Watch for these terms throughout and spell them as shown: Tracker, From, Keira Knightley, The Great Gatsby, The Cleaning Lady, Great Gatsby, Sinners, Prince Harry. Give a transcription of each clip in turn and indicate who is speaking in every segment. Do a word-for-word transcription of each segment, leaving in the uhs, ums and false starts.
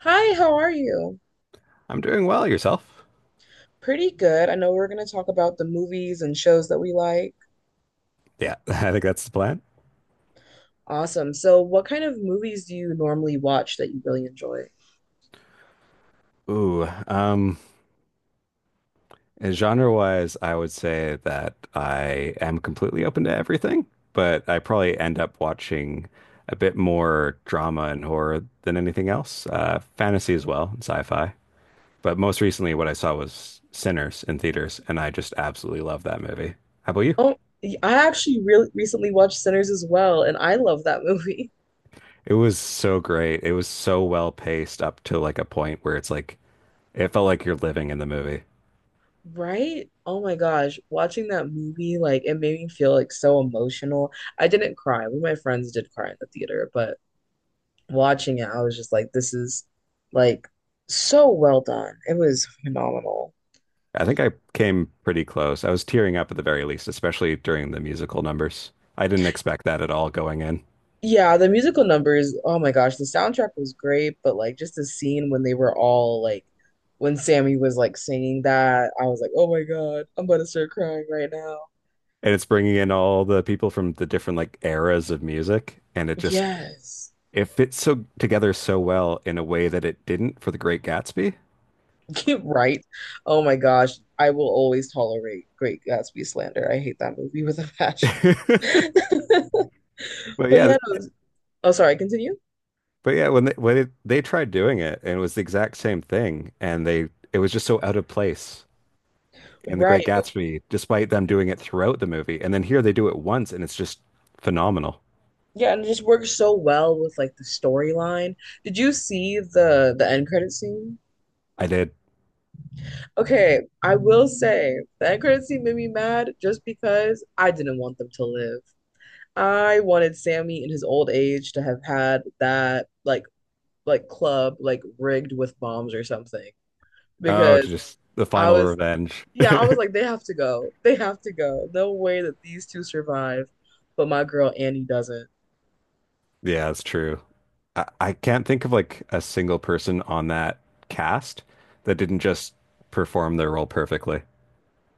Speaker 1: Hi, how are you?
Speaker 2: I'm doing well, yourself?
Speaker 1: Pretty good. I know we're going to talk about the movies and shows that we like.
Speaker 2: Yeah, I think that's the plan.
Speaker 1: Awesome. So, what kind of movies do you normally watch that you really enjoy?
Speaker 2: Ooh, um, genre-wise, I would say that I am completely open to everything, but I probably end up watching a bit more drama and horror than anything else. Uh, fantasy as well, and sci-fi. But most recently, what I saw was Sinners in theaters, and I just absolutely love that movie. How about you?
Speaker 1: Oh, I actually really recently watched Sinners as well, and I love that movie.
Speaker 2: It was so great. It was so well paced up to like a point where it's like it felt like you're living in the movie.
Speaker 1: Right? Oh my gosh, watching that movie, like it made me feel like so emotional. I didn't cry. One of my friends did cry in the theater, but watching it, I was just like, this is like so well done. It was phenomenal.
Speaker 2: I think I came pretty close. I was tearing up at the very least, especially during the musical numbers. I didn't expect that at all going in.
Speaker 1: Yeah, the musical numbers, oh my gosh, the soundtrack was great, but like just the scene when they were all like when Sammy was like singing that, I was like, "Oh my God, I'm about to start crying right now."
Speaker 2: And it's bringing in all the people from the different like eras of music, and it just
Speaker 1: Yes.
Speaker 2: it fits so together so well in a way that it didn't for The Great Gatsby.
Speaker 1: Right. Oh my gosh, I will always tolerate Great Gatsby slander. I hate that movie with a passion.
Speaker 2: But
Speaker 1: But
Speaker 2: yeah,
Speaker 1: yeah, no,
Speaker 2: th-
Speaker 1: oh sorry, continue.
Speaker 2: but yeah, when they when it, they tried doing it, and it was the exact same thing, and they it was just so out of place in The Great
Speaker 1: Right. But
Speaker 2: Gatsby, despite them doing it throughout the movie. And then here they do it once, and it's just phenomenal.
Speaker 1: yeah, and it just works so well with like the storyline. Did you see the the end credit scene?
Speaker 2: I did.
Speaker 1: Okay, I will say that credit scene made me mad just because I didn't want them to live. I wanted Sammy in his old age to have had that like like club like rigged with bombs or something
Speaker 2: Oh, to
Speaker 1: because
Speaker 2: just the
Speaker 1: I
Speaker 2: final
Speaker 1: was
Speaker 2: revenge.
Speaker 1: yeah, I was like they have to go. They have to go. No way that these two survive, but my girl Annie doesn't.
Speaker 2: Yeah, that's true. I, I can't think of like a single person on that cast that didn't just perform their role perfectly.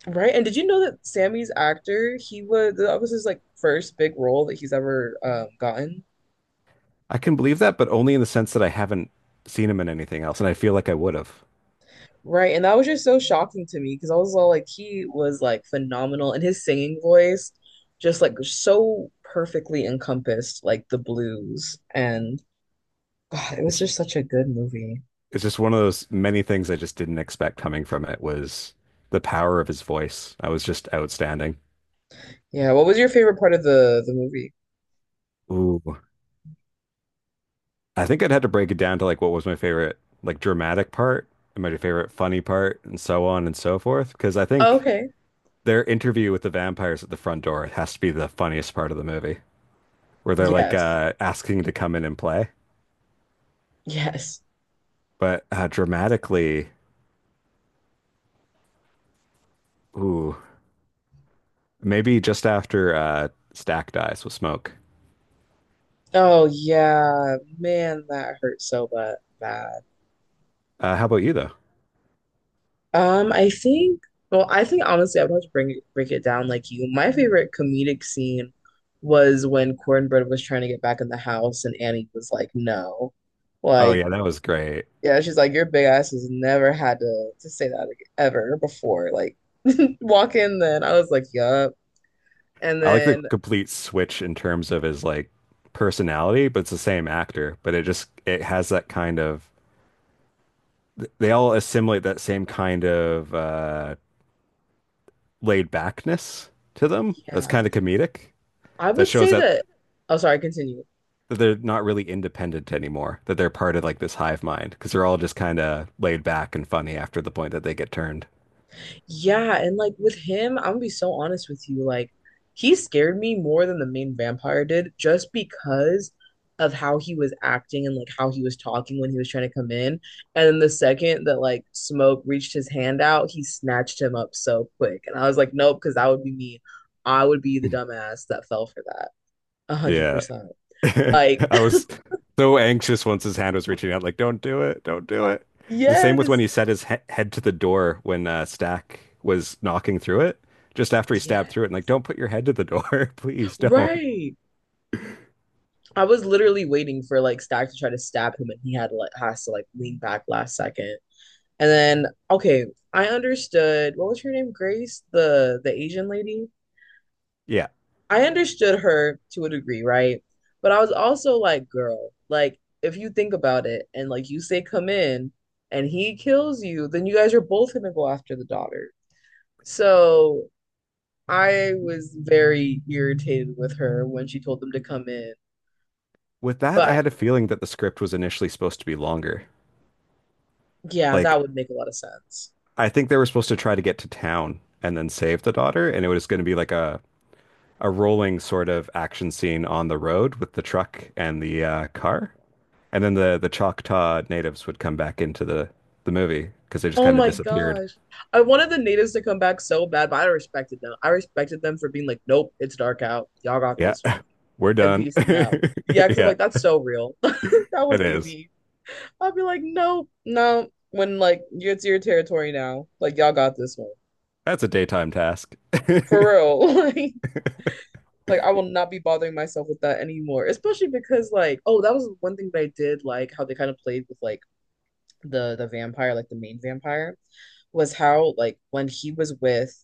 Speaker 1: Right? And did you know that Sammy's actor, he was that was his like first big role that he's ever um gotten?
Speaker 2: I can believe that, but only in the sense that I haven't seen him in anything else, and I feel like I would have.
Speaker 1: Right. And that was just so shocking to me because I was all like, he was like phenomenal and his singing voice just like so perfectly encompassed like the blues. And God, it was
Speaker 2: It's
Speaker 1: just such a good movie.
Speaker 2: it's just one of those many things I just didn't expect coming from it was the power of his voice. I was just outstanding.
Speaker 1: Yeah. What was your favorite part of the the movie?
Speaker 2: Ooh. I think I'd had to break it down to like what was my favorite like dramatic part and my favorite funny part and so on and so forth. Because I
Speaker 1: Oh,
Speaker 2: think
Speaker 1: okay.
Speaker 2: their interview with the vampires at the front door has to be the funniest part of the movie, where they're like
Speaker 1: Yes.
Speaker 2: uh, asking to come in and play.
Speaker 1: Yes.
Speaker 2: But uh, dramatically, ooh, maybe just after uh, Stack dies with Smoke.
Speaker 1: Oh yeah. Man, that hurt so bad. Bad.
Speaker 2: Uh, how about you though?
Speaker 1: Um, I think, well, I think honestly, I would have to bring it, break it down like you. My favorite comedic scene was when Cornbread was trying to get back in the house and Annie was like, no.
Speaker 2: Oh
Speaker 1: Like,
Speaker 2: yeah, that was great.
Speaker 1: yeah, she's like, your big ass has never had to, to say that ag- ever before. Like, walk in then. I was like, yup. And
Speaker 2: I like the
Speaker 1: then,
Speaker 2: complete switch in terms of his like personality, but it's the same actor. But it just it has that kind of they all assimilate that same kind of uh, laid backness to them. That's
Speaker 1: yeah,
Speaker 2: kind of comedic.
Speaker 1: I
Speaker 2: That
Speaker 1: would
Speaker 2: shows
Speaker 1: say
Speaker 2: that
Speaker 1: that, oh, sorry, continue.
Speaker 2: that they're not really independent anymore, that they're part of like this hive mind because they're all just kind of laid back and funny after the point that they get turned.
Speaker 1: Yeah, and like with him, I'm gonna be so honest with you. Like, he scared me more than the main vampire did just because of how he was acting and like how he was talking when he was trying to come in. And then the second that like Smoke reached his hand out, he snatched him up so quick. And I was like, nope, because that would be me. I would be the dumbass that fell for that. A hundred
Speaker 2: Yeah.
Speaker 1: percent.
Speaker 2: I
Speaker 1: Like,
Speaker 2: was so anxious once his hand was reaching out, like, don't do it, don't do it. The same with when
Speaker 1: yes,
Speaker 2: he set his he head to the door when uh, Stack was knocking through it, just after he stabbed
Speaker 1: yeah,
Speaker 2: through it, and like, don't put your head to the door, please don't.
Speaker 1: right. I was literally waiting for like Stack to try to stab him, and he had to like has to like lean back last second. And then, okay, I understood what was her name? Grace, the the Asian lady.
Speaker 2: Yeah.
Speaker 1: I understood her to a degree, right? But I was also like, girl, like if you think about it and like you say come in and he kills you, then you guys are both gonna go after the daughter. So I was very irritated with her when she told them to come in.
Speaker 2: With that, I
Speaker 1: But
Speaker 2: had a feeling that the script was initially supposed to be longer.
Speaker 1: yeah, that
Speaker 2: Like,
Speaker 1: would make a lot of sense.
Speaker 2: I think they were supposed to try to get to town and then save the daughter, and it was going to be like a a rolling sort of action scene on the road with the truck and the uh, car, and then the the Choctaw natives would come back into the the movie because they just
Speaker 1: Oh
Speaker 2: kind of
Speaker 1: my
Speaker 2: disappeared.
Speaker 1: gosh. I wanted the natives to come back so bad, but I respected them. I respected them for being like, nope, it's dark out. Y'all got
Speaker 2: Yeah,
Speaker 1: this one.
Speaker 2: we're
Speaker 1: And
Speaker 2: done.
Speaker 1: peacing out. Yeah, because I'm
Speaker 2: Yeah,
Speaker 1: like, that's so real. That
Speaker 2: it
Speaker 1: would be
Speaker 2: is.
Speaker 1: me. I'd be like, nope, no. When like it's your territory now, like y'all got this one.
Speaker 2: That's a daytime task.
Speaker 1: For real. Like, like I will not be bothering myself with that anymore. Especially because like, oh, that was one thing that I did like how they kind of played with like the the vampire, like the main vampire, was how like when he was with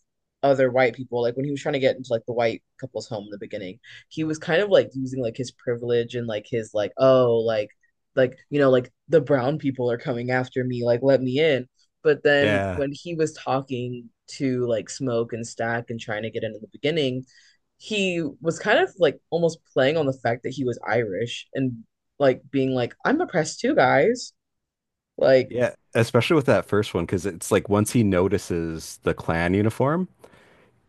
Speaker 1: other white people, like when he was trying to get into like the white couple's home in the beginning, he was kind of like using like his privilege and like his like, oh, like like you know, like the brown people are coming after me, like let me in. But then
Speaker 2: Yeah.
Speaker 1: when he was talking to like Smoke and Stack and trying to get in in the beginning, he was kind of like almost playing on the fact that he was Irish and like being like, I'm oppressed too, guys, like.
Speaker 2: Yeah, especially with that first one, because it's like once he notices the clan uniform,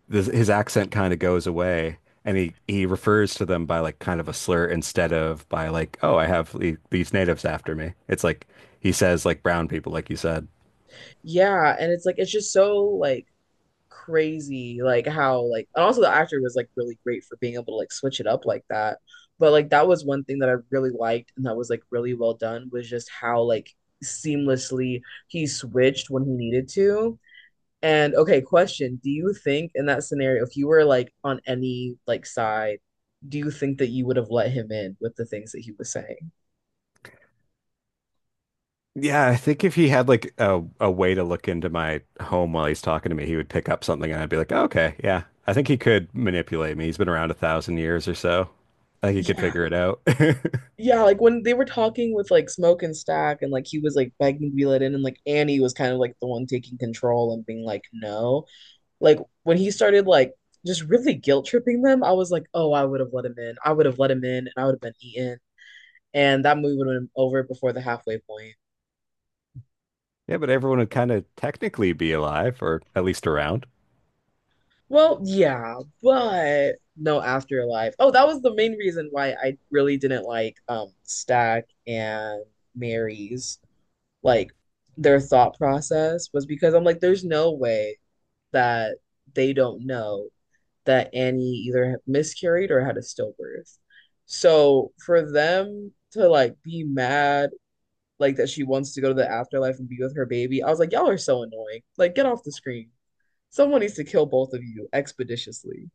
Speaker 2: this, his accent kind of goes away and he, he refers to them by like kind of a slur instead of by like, oh, I have the- these natives after me. It's like he says like brown people, like you said.
Speaker 1: Yeah, and it's like it's just so like crazy, like how like and also the actor was like really great for being able to like switch it up like that. But like that was one thing that I really liked and that was like really well done was just how like seamlessly he switched when he needed to. And okay, question, do you think in that scenario if you were like on any like side, do you think that you would have let him in with the things that he was saying?
Speaker 2: Yeah, I think if he had like a, a way to look into my home while he's talking to me, he would pick up something and I'd be like, oh, okay, yeah. I think he could manipulate me. He's been around a thousand years or so. I think he could
Speaker 1: Yeah,
Speaker 2: figure it out.
Speaker 1: yeah, like when they were talking with like Smoke and Stack, and like he was like begging to be let in, and like Annie was kind of like the one taking control and being like, no. Like when he started like just really guilt tripping them, I was like, oh, I would have let him in. I would have let him in, and I would have been eaten, and that movie would have been over before the halfway point.
Speaker 2: Yeah, but everyone would kind of technically be alive or at least around.
Speaker 1: Well, yeah, but no afterlife. Oh, that was the main reason why I really didn't like um Stack and Mary's like their thought process was because I'm like, there's no way that they don't know that Annie either miscarried or had a stillbirth. So for them to like be mad, like that she wants to go to the afterlife and be with her baby, I was like, y'all are so annoying. Like, get off the screen. Someone needs to kill both of you expeditiously.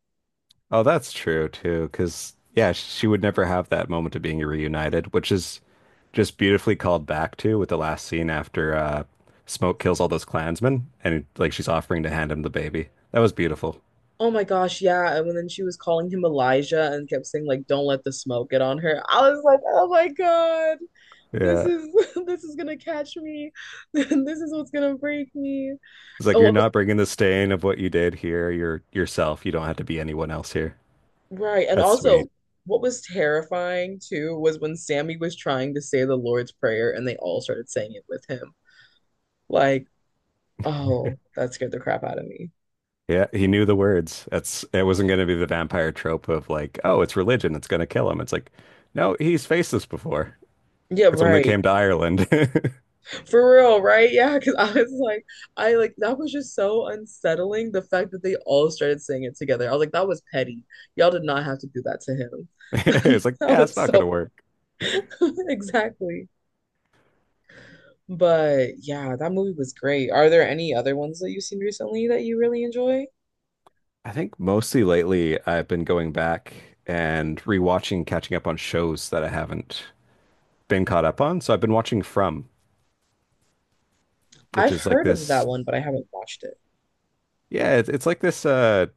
Speaker 2: Oh, that's true too, because yeah, she would never have that moment of being reunited, which is just beautifully called back to with the last scene after uh, Smoke kills all those Klansmen, and like she's offering to hand him the baby. That was beautiful.
Speaker 1: Oh my gosh, yeah. And then she was calling him Elijah and kept saying, like, don't let the smoke get on her. I was like, oh my God. This
Speaker 2: Yeah,
Speaker 1: is this is gonna catch me. This is what's gonna break me.
Speaker 2: it's like
Speaker 1: Oh,
Speaker 2: you're
Speaker 1: it was-
Speaker 2: not bringing the stain of what you did here. You're yourself. You don't have to be anyone else here.
Speaker 1: right. And
Speaker 2: That's
Speaker 1: also,
Speaker 2: sweet.
Speaker 1: what was terrifying too was when Sammy was trying to say the Lord's Prayer and they all started saying it with him. Like, oh, that scared the crap out of me.
Speaker 2: Yeah, he knew the words. That's it wasn't going to be the vampire trope of like, oh, it's religion, it's going to kill him. It's like, no, he's faced this before.
Speaker 1: Yeah,
Speaker 2: It's when they
Speaker 1: right.
Speaker 2: came to Ireland.
Speaker 1: For real, right? Yeah, because I was like, I like that was just so unsettling. The fact that they all started saying it together. I was like, that was petty. Y'all did not have to do that to him.
Speaker 2: It's like,
Speaker 1: That
Speaker 2: yeah, it's
Speaker 1: was
Speaker 2: not going to
Speaker 1: so
Speaker 2: work.
Speaker 1: exactly. But yeah, that movie was great. Are there any other ones that you've seen recently that you really enjoy?
Speaker 2: I think mostly lately I've been going back and rewatching, catching up on shows that I haven't been caught up on. So I've been watching From, which
Speaker 1: I've
Speaker 2: is like
Speaker 1: heard of that
Speaker 2: this,
Speaker 1: one, but I haven't watched it.
Speaker 2: yeah, it's, it's like this, uh,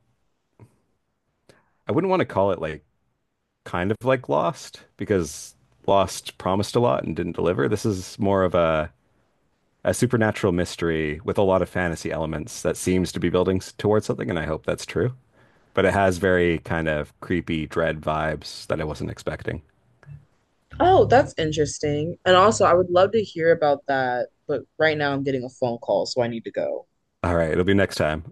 Speaker 2: I wouldn't want to call it like kind of like Lost because Lost promised a lot and didn't deliver. This is more of a, a supernatural mystery with a lot of fantasy elements that seems to be building s- towards something, and I hope that's true. But it has very kind of creepy dread vibes that I wasn't expecting.
Speaker 1: Oh, that's interesting. And also, I would love to hear about that, but right now I'm getting a phone call, so I need to go.
Speaker 2: All right. It'll be next time.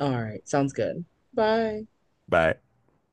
Speaker 1: All right, sounds good. Bye.
Speaker 2: Bye.